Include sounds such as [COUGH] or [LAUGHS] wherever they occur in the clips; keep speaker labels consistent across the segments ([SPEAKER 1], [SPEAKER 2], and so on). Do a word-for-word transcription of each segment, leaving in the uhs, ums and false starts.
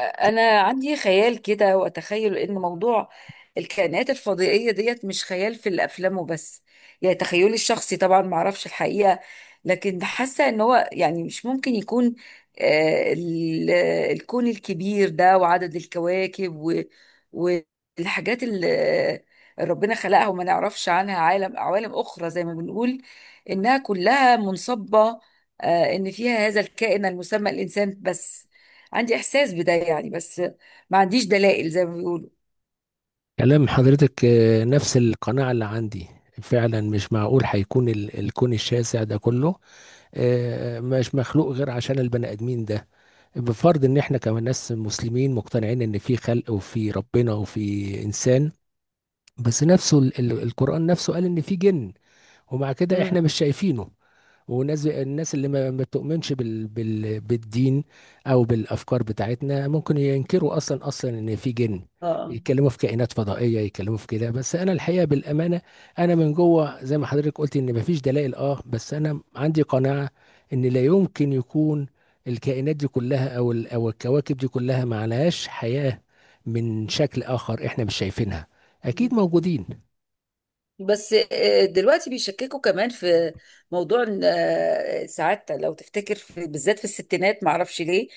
[SPEAKER 1] انا عندي خيال كده واتخيل ان موضوع الكائنات الفضائيه ديت مش خيال في الافلام وبس. يعني تخيلي الشخصي طبعا ما اعرفش الحقيقه، لكن حاسه ان هو يعني مش ممكن يكون آه، ال- الكون الكبير ده وعدد الكواكب و- والحاجات اللي ربنا خلقها وما نعرفش عنها، عالم، عوالم اخرى زي ما بنقول انها كلها منصبه آه، ان فيها هذا الكائن المسمى الانسان بس. عندي احساس بده يعني، بس ما عنديش دلائل زي ما بيقولوا.
[SPEAKER 2] كلام حضرتك، آه، نفس القناعة اللي عندي. فعلا مش معقول هيكون ال- الكون الشاسع ده كله، آه، مش مخلوق غير عشان البني آدمين ده. بفرض ان احنا كمان ناس مسلمين مقتنعين ان في خلق وفي ربنا وفي انسان، بس نفسه ال- ال- القرآن نفسه قال ان في جن، ومع كده احنا
[SPEAKER 1] مم.
[SPEAKER 2] مش شايفينه. وناس الناس اللي ما ما بتؤمنش بال... بال... بالدين او بالافكار بتاعتنا ممكن ينكروا اصلا اصلا ان في جن،
[SPEAKER 1] اه آه.
[SPEAKER 2] يتكلموا في كائنات فضائيه، يتكلموا في كده. بس انا الحقيقه بالامانه، انا من جوه زي ما حضرتك قلت ان ما فيش دلائل، اه، بس انا عندي قناعه ان لا يمكن يكون الكائنات دي كلها او ال... او الكواكب دي كلها ما عليهاش حياه من شكل اخر احنا مش شايفينها،
[SPEAKER 1] مم.
[SPEAKER 2] اكيد موجودين.
[SPEAKER 1] بس آه، دلوقتي بيشككوا كمان في موضوع إن، آه، ساعات لو تفتكر، في بالذات في الستينات، معرفش ليه،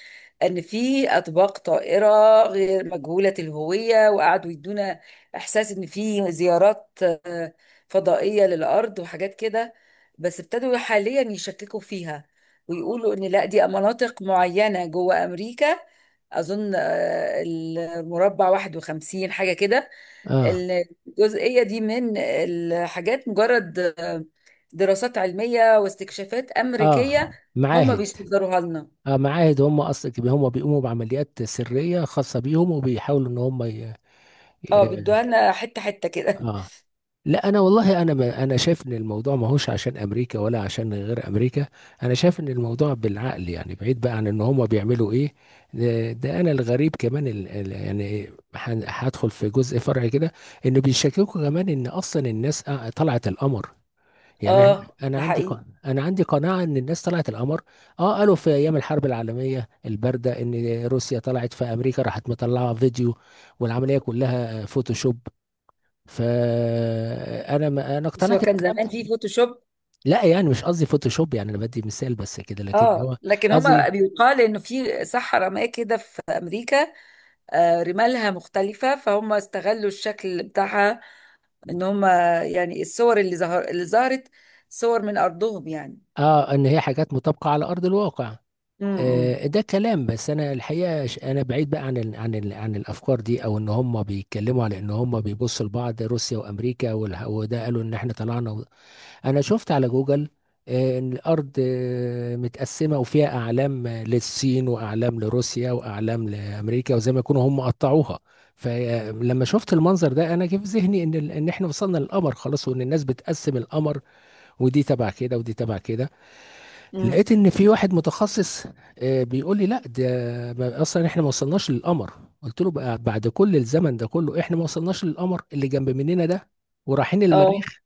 [SPEAKER 1] ان في اطباق طائره غير مجهوله الهويه، وقعدوا يدونا احساس ان في زيارات آه، فضائيه للارض وحاجات كده. بس ابتدوا حاليا يشككوا فيها، ويقولوا ان لا، دي مناطق معينه جوه امريكا. اظن آه، المربع واحد وخمسين حاجه كده.
[SPEAKER 2] اه.
[SPEAKER 1] الجزئية دي من الحاجات، مجرد دراسات علمية واستكشافات
[SPEAKER 2] اه،
[SPEAKER 1] أمريكية هم
[SPEAKER 2] معاهد.
[SPEAKER 1] بيصدروها لنا.
[SPEAKER 2] آه، معاهد، هم اصلا هم بيقوموا بعمليات سريه خاصه بيهم، وبيحاولوا ان هم ي...
[SPEAKER 1] اه،
[SPEAKER 2] ي...
[SPEAKER 1] بيدوها لنا حتة حتة كده.
[SPEAKER 2] اه. لا، انا والله انا ما انا شايف ان الموضوع ما هوش عشان امريكا ولا عشان غير امريكا. انا شايف ان الموضوع بالعقل، يعني بعيد بقى عن ان هم بيعملوا ايه. ده, ده انا الغريب كمان ال... ال- يعني، هن- هدخل في جزء فرعي كده. انه بيشككوا كمان ان اصلا الناس آه، طلعت القمر.
[SPEAKER 1] [LAUGHS]
[SPEAKER 2] يعني احنا،
[SPEAKER 1] اه،
[SPEAKER 2] انا
[SPEAKER 1] ده
[SPEAKER 2] عندي
[SPEAKER 1] حقيقي.
[SPEAKER 2] ق- انا عندي قناعه ان الناس طلعت القمر. اه، قالوا في ايام الحرب العالميه البارده ان روسيا طلعت في امريكا، راحت مطلعه فيديو والعمليه كلها فوتوشوب، فانا ما انا
[SPEAKER 1] بس
[SPEAKER 2] اقتنعت
[SPEAKER 1] هو كان
[SPEAKER 2] بالكلام
[SPEAKER 1] زمان في
[SPEAKER 2] ده.
[SPEAKER 1] فوتوشوب.
[SPEAKER 2] لا، يعني مش قصدي فوتوشوب، يعني انا بدي مثال بس كده، لكن
[SPEAKER 1] اه،
[SPEAKER 2] هو
[SPEAKER 1] لكن هما
[SPEAKER 2] قصدي.
[SPEAKER 1] بيقال انه في صحراء ما كده في امريكا، آه، رمالها مختلفة، فهم استغلوا الشكل بتاعها ان هم يعني الصور اللي ظهر اللي ظهرت صور من ارضهم يعني.
[SPEAKER 2] اه، ان هي حاجات مطابقه على ارض الواقع.
[SPEAKER 1] امم.
[SPEAKER 2] آه، ده كلام. بس انا الحقيقه، ش- انا بعيد بقى عن ال عن ال عن الافكار دي، او ان هم بيتكلموا على ان هم بيبصوا لبعض روسيا وامريكا والح- وده، قالوا ان احنا طلعنا و... انا شفت على جوجل آه، ان الارض آه، متقسمه، وفيها اعلام آه، للصين، واعلام لروسيا، واعلام لامريكا، وزي ما يكونوا هم قطعوها. فلما شفت المنظر ده، انا جه في ذهني ان ال- ان احنا وصلنا للقمر خلاص، وان الناس بتقسم القمر، ودي تبع كده ودي تبع كده.
[SPEAKER 1] امم.
[SPEAKER 2] لقيت ان في واحد متخصص، آه، بيقول لي: لا ده، ما- اصلا احنا ما وصلناش للقمر. قلت له: بقى بعد كل الزمن ده كله احنا ما وصلناش للقمر اللي جنب مننا ده، ورايحين
[SPEAKER 1] اه.
[SPEAKER 2] المريخ،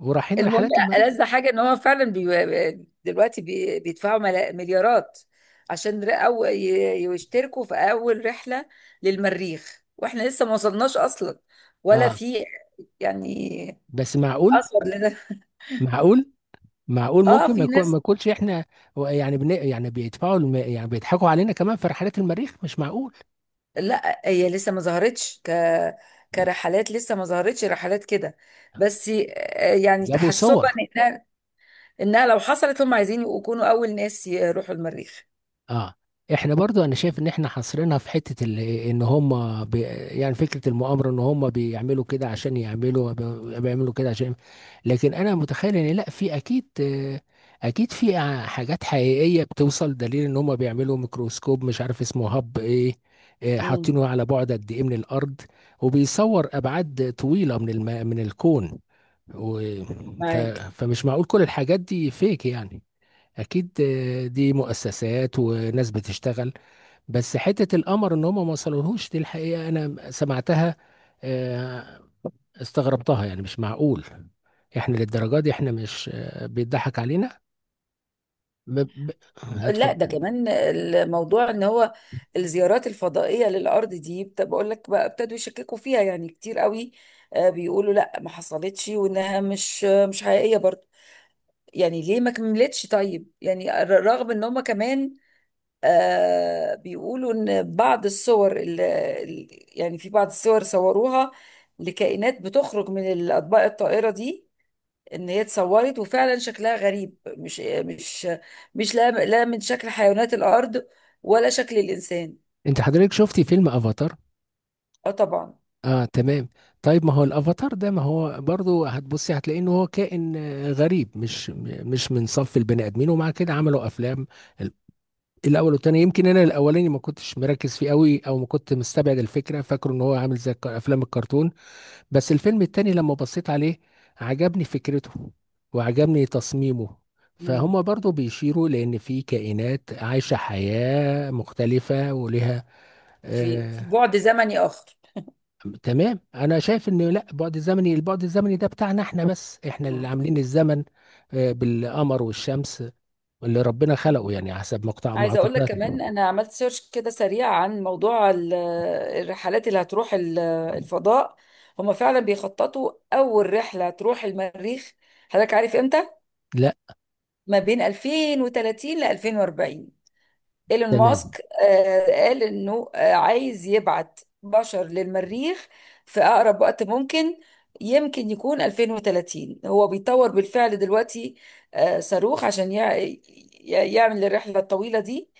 [SPEAKER 2] ورايحين
[SPEAKER 1] المهم،
[SPEAKER 2] رحلات المريخ.
[SPEAKER 1] ألذ حاجة ان هو فعلا بي... دلوقتي بي... بيدفعوا ملا... مليارات عشان ر- أو... ي- يشتركوا في اول رحلة للمريخ، واحنا لسه ما وصلناش اصلا ولا
[SPEAKER 2] اه.
[SPEAKER 1] في يعني
[SPEAKER 2] بس معقول؟
[SPEAKER 1] اثر لنا.
[SPEAKER 2] معقول؟ معقول
[SPEAKER 1] اه،
[SPEAKER 2] ممكن ما
[SPEAKER 1] في
[SPEAKER 2] يكون ما
[SPEAKER 1] ناس.
[SPEAKER 2] يكونش احنا. يعني بن... يعني بيدفعوا الم... يعني بيضحكوا علينا كمان في رحلات المريخ، مش معقول.
[SPEAKER 1] لا، هي لسه ما ظهرتش ك كرحلات، لسه ما ظهرتش رحلات كده. بس آه، يعني
[SPEAKER 2] جابوا صور.
[SPEAKER 1] تحسبا انها انها لو حصلت هم عايزين يكونوا اول ناس يروحوا المريخ.
[SPEAKER 2] اه، احنا برضو انا شايف ان احنا حاصرينها في حتة ال- ان هم بي يعني فكرة المؤامرة ان هم بيعملوا كده عشان يعملوا بي- بيعملوا كده عشان. لكن انا متخيل ان لا، في اكيد، آه، اكيد في ع- حاجات حقيقية بتوصل دليل ان هم بيعملوا ميكروسكوب، مش عارف اسمه هب ايه، آه،
[SPEAKER 1] امم.
[SPEAKER 2] حاطينه على بعد قد ايه من الارض، وبيصور ابعاد طويلة من الم... من الكون و... ف...
[SPEAKER 1] معاك.
[SPEAKER 2] فمش معقول كل الحاجات دي فيك، يعني اكيد، آه، دي مؤسسات وناس بتشتغل. بس حتة القمر ان هم ما وصلوهوش، دي الحقيقة انا سمعتها، آه، استغربتها. يعني مش معقول احنا للدرجة دي، احنا مش، آه، بيضحك علينا؟ ب... ب...
[SPEAKER 1] لا، ده
[SPEAKER 2] اتفضل.
[SPEAKER 1] كمان الموضوع ان هو الزيارات الفضائيه للارض دي بت- بقول لك بقى ابتدوا يشككوا فيها يعني كتير قوي. آه، بيقولوا لا، ما حصلتش، وانها مش مش حقيقيه برضه. يعني ليه ما كملتش طيب؟ يعني ر- رغم ان هم كمان آه، بيقولوا ان بعض الصور اللي يعني، في بعض الصور صوروها لكائنات بتخرج من الاطباق الطائره دي، ان هي اتصورت وفعلا شكلها غريب، مش مش مش لا لا من شكل حيوانات الارض ولا شكل الانسان.
[SPEAKER 2] انت حضرتك شفتي فيلم افاتار؟
[SPEAKER 1] اه طبعا.
[SPEAKER 2] اه، تمام. طيب، ما هو الافاتار ده، ما هو برضو هتبصي هتلاقي ان هو كائن آه، غريب، مش م- مش من صف البني ادمين، ومع كده
[SPEAKER 1] مم.
[SPEAKER 2] عملوا افلام. ال- الاول والتاني، يمكن انا الاولاني ما كنتش مركز فيه قوي، او ما كنت مستبعد الفكره، فاكره ان هو عامل زي الك- افلام الكرتون. بس الفيلم التاني لما بصيت عليه، عجبني فكرته وعجبني تصميمه.
[SPEAKER 1] مم.
[SPEAKER 2] فهم برضو بيشيروا لان في كائنات عايشه حياه مختلفه ولها.
[SPEAKER 1] في في بعد زمني اخر.
[SPEAKER 2] تمام، انا شايف ان لا، بعد الزمني البعد الزمني ده بتاعنا احنا، بس احنا اللي
[SPEAKER 1] مم.
[SPEAKER 2] عاملين الزمن آه، بالقمر والشمس اللي ربنا خلقه،
[SPEAKER 1] مم.
[SPEAKER 2] يعني حسب مقطع
[SPEAKER 1] عايزه اقول لك
[SPEAKER 2] معتقداتنا.
[SPEAKER 1] كمان، انا عملت سيرش كده سريع عن موضوع ال- الرحلات اللي هتروح ال- الفضاء. هما فعلا بيخططوا اول رحله تروح المريخ. حضرتك عارف امتى؟
[SPEAKER 2] لا.
[SPEAKER 1] ما بين ألفين وثلاثين ل ألفين واربعين. ايلون
[SPEAKER 2] تمام.
[SPEAKER 1] ماسك آه، قال انه آه، عايز يبعت بشر للمريخ في اقرب وقت ممكن، يمكن يكون ألفين وثلاثين. هو بيطور بالفعل دلوقتي آه، صاروخ عشان يع- ي- يعمل الرحلة الطويلة دي.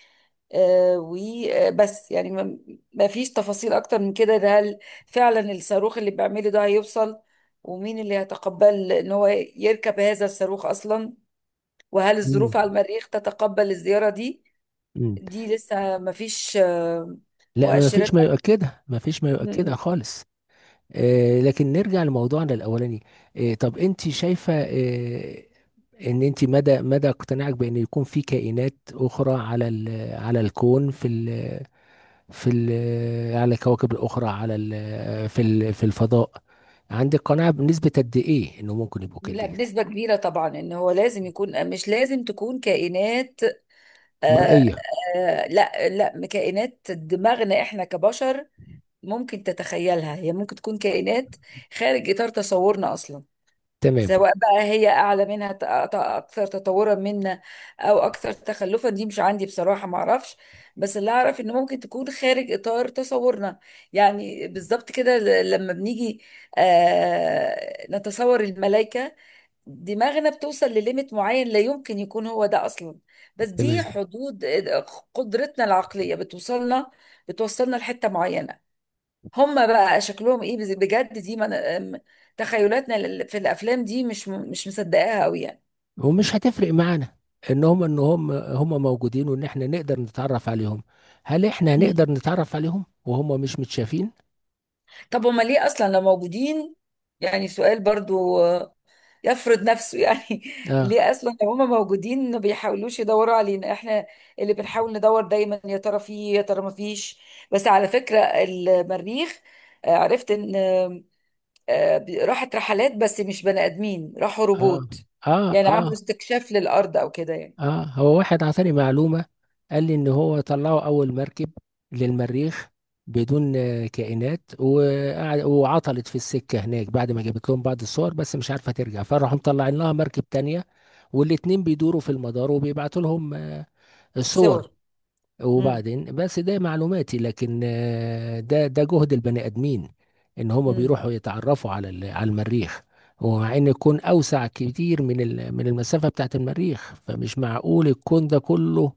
[SPEAKER 1] آه، وبس يعني ما ما فيش تفاصيل اكتر من كده. ده هل فعلا الصاروخ اللي بيعمله ده هيوصل؟ ومين اللي هيتقبل ان هو يركب هذا الصاروخ اصلا؟ وهل
[SPEAKER 2] مم.
[SPEAKER 1] الظروف على المريخ تتقبل الزيارة دي؟
[SPEAKER 2] مم.
[SPEAKER 1] دي لسه ما فيش آه،
[SPEAKER 2] لا، ما
[SPEAKER 1] مؤشرات.
[SPEAKER 2] فيش ما يؤكدها، ما فيش ما يؤكدها
[SPEAKER 1] م-
[SPEAKER 2] خالص. آه، لكن نرجع لموضوعنا الاولاني. آه، طب انت شايفة، آه، ان انت، مدى مدى اقتناعك بان يكون في كائنات اخرى على ال- على الكون، في في ال- على الكواكب الأخرى، على ال- في ال- في الفضاء، عندك قناعة بنسبة قد إيه إنه ممكن يبقوا
[SPEAKER 1] لا،
[SPEAKER 2] كده يعني؟
[SPEAKER 1] بنسبة كبيرة طبعا، ان هو لازم يكون، مش لازم تكون كائنات آه،
[SPEAKER 2] مرئية.
[SPEAKER 1] آه، لا لا كائنات دماغنا احنا كبشر ممكن تتخيلها. هي ممكن تكون كائنات خارج اطار تصورنا اصلا.
[SPEAKER 2] تمام.
[SPEAKER 1] سواء بقى هي اعلى منها، ت- ت- اكثر تطورا منا او اكثر تخلفا، دي مش عندي بصراحه، ما اعرفش. بس اللي اعرف انه ممكن تكون خارج اطار تصورنا. يعني بالظبط كده، ل- لما بنيجي آه نتصور الملائكه، دماغنا بتوصل لليميت معين، لا يمكن يكون هو ده اصلا. بس دي
[SPEAKER 2] تمام.
[SPEAKER 1] حدود آه، قدرتنا العقليه، بتوصلنا بتوصلنا لحته معينه. هم بقى شكلهم ايه بز- بجد؟ دي من... أم- تخيلاتنا لل- في الافلام. دي مش م- مش مصدقاها قوي يعني.
[SPEAKER 2] ومش هتفرق معانا إن هم إن هم هم موجودين، وإن إحنا نقدر نتعرف عليهم. هل إحنا
[SPEAKER 1] مم.
[SPEAKER 2] هنقدر نتعرف عليهم وهم مش متشافين؟
[SPEAKER 1] طب هما ليه اصلا لو موجودين؟ يعني سؤال برضو آه، يفرض نفسه يعني. [LAUGHS]
[SPEAKER 2] آه.
[SPEAKER 1] ليه اصلا لو هما موجودين ما بيحاولوش يدوروا علينا، احنا اللي بنحاول ندور دايما يا ترى فيه يا ترى ما فيش؟ بس على فكرة، المريخ آه، عرفت ان آه، آه، بي- راحت رحلات، بس مش بني ادمين، راحوا
[SPEAKER 2] آه.
[SPEAKER 1] روبوت.
[SPEAKER 2] آه.
[SPEAKER 1] يعني عملوا
[SPEAKER 2] آه.
[SPEAKER 1] استكشاف للارض او كده يعني.
[SPEAKER 2] اه، هو واحد عطاني معلومة، قال لي ان هو طلعوا اول مركب للمريخ بدون آه، كائنات، وقعد وعطلت في السكة هناك بعد ما جابت لهم بعض الصور، بس مش عارفة ترجع، فراحوا مطلعين لها مركب تانية، والاتنين بيدوروا في المدار وبيبعتوا لهم آه، الصور.
[SPEAKER 1] صور. امم.
[SPEAKER 2] وبعدين، بس ده معلوماتي. لكن آه، ده ده جهد البني ادمين ان هم
[SPEAKER 1] امم.
[SPEAKER 2] بيروحوا يتعرفوا على ال- على المريخ، ومع ان الكون اوسع كتير من ال- من المسافه بتاعت المريخ، فمش معقول الكون ده كله.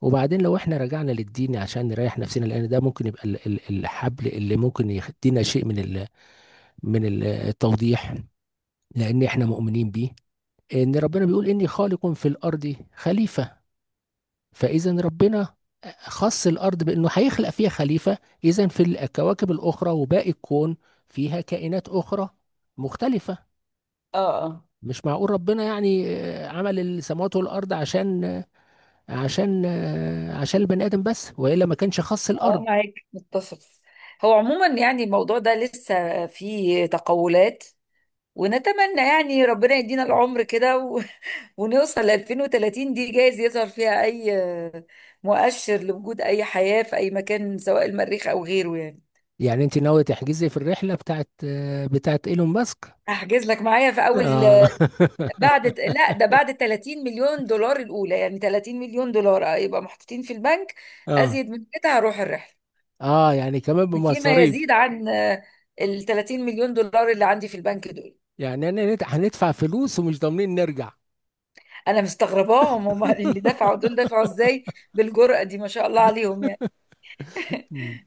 [SPEAKER 2] وبعدين لو احنا رجعنا للدين عشان نريح نفسنا، لان ده ممكن يبقى ال- ال- الحبل اللي ممكن يدينا شيء من ال- من ال- التوضيح، لان احنا مؤمنين بيه، ان ربنا بيقول: اني خالق في الارض خليفه. فإذا ربنا خص الأرض بأنه هيخلق فيها خليفة، إذا في الكواكب الأخرى وباقي الكون فيها كائنات أخرى مختلفة.
[SPEAKER 1] اه. اه.
[SPEAKER 2] مش معقول ربنا يعني آه، عمل السماوات والأرض عشان آه، عشان آه، عشان البني آدم بس، وإلا ما كانش خص
[SPEAKER 1] اه
[SPEAKER 2] الأرض.
[SPEAKER 1] معاك، متفق. هو عموما يعني الموضوع ده لسه فيه تقولات، ونتمنى يعني ربنا يدينا العمر كده و... [LAUGHS] ونوصل ل ألفين وثلاثين. دي جايز يظهر فيها اي آه، مؤشر لوجود اي حياة في اي مكان، سواء المريخ او غيره يعني.
[SPEAKER 2] يعني أنت ناوية تحجزي في الرحلة بتاعت آه، بتاعت إيلون ماسك؟
[SPEAKER 1] احجز لك معايا في اول،
[SPEAKER 2] آه.
[SPEAKER 1] بعد، لا، ده
[SPEAKER 2] [LAUGHS]
[SPEAKER 1] بعد ثلاثين مليون دولار الاولى. يعني ثلاثين مليون دولار آه، يبقى محطوطين في البنك
[SPEAKER 2] آه.
[SPEAKER 1] ازيد من كده، هروح الرحلة.
[SPEAKER 2] آه. يعني كمان
[SPEAKER 1] فيما
[SPEAKER 2] بمصاريف؟
[SPEAKER 1] يزيد عن آه، ال ثلاثين مليون دولار اللي عندي في البنك دول.
[SPEAKER 2] يعني أنا هندفع فلوس ومش ضامنين نرجع؟
[SPEAKER 1] انا مستغرباهم هم [LAUGHS] اللي دفعوا دول دفعوا ازاي بالجرأة دي، ما شاء الله عليهم يعني.
[SPEAKER 2] مم.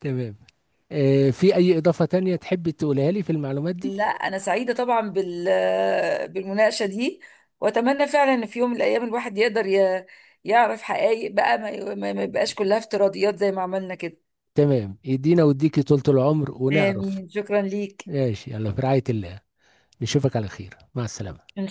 [SPEAKER 2] تمام. آه، في أي إضافة تانية تحب تقولها لي في المعلومات دي؟
[SPEAKER 1] لا، انا سعيدة طبعا بال آه، بالمناقشة دي، واتمنى فعلا ان في يوم من الايام الواحد يقدر ي- يعرف حقائق بقى، ما ما- ما يبقاش كلها افتراضيات زي ما عملنا كده.
[SPEAKER 2] تمام، يدينا ويديكي طولة العمر ونعرف.
[SPEAKER 1] امين، شكرا ليك.
[SPEAKER 2] ماشي، يلا، في رعاية الله، نشوفك على خير، مع السلامة.
[SPEAKER 1] إن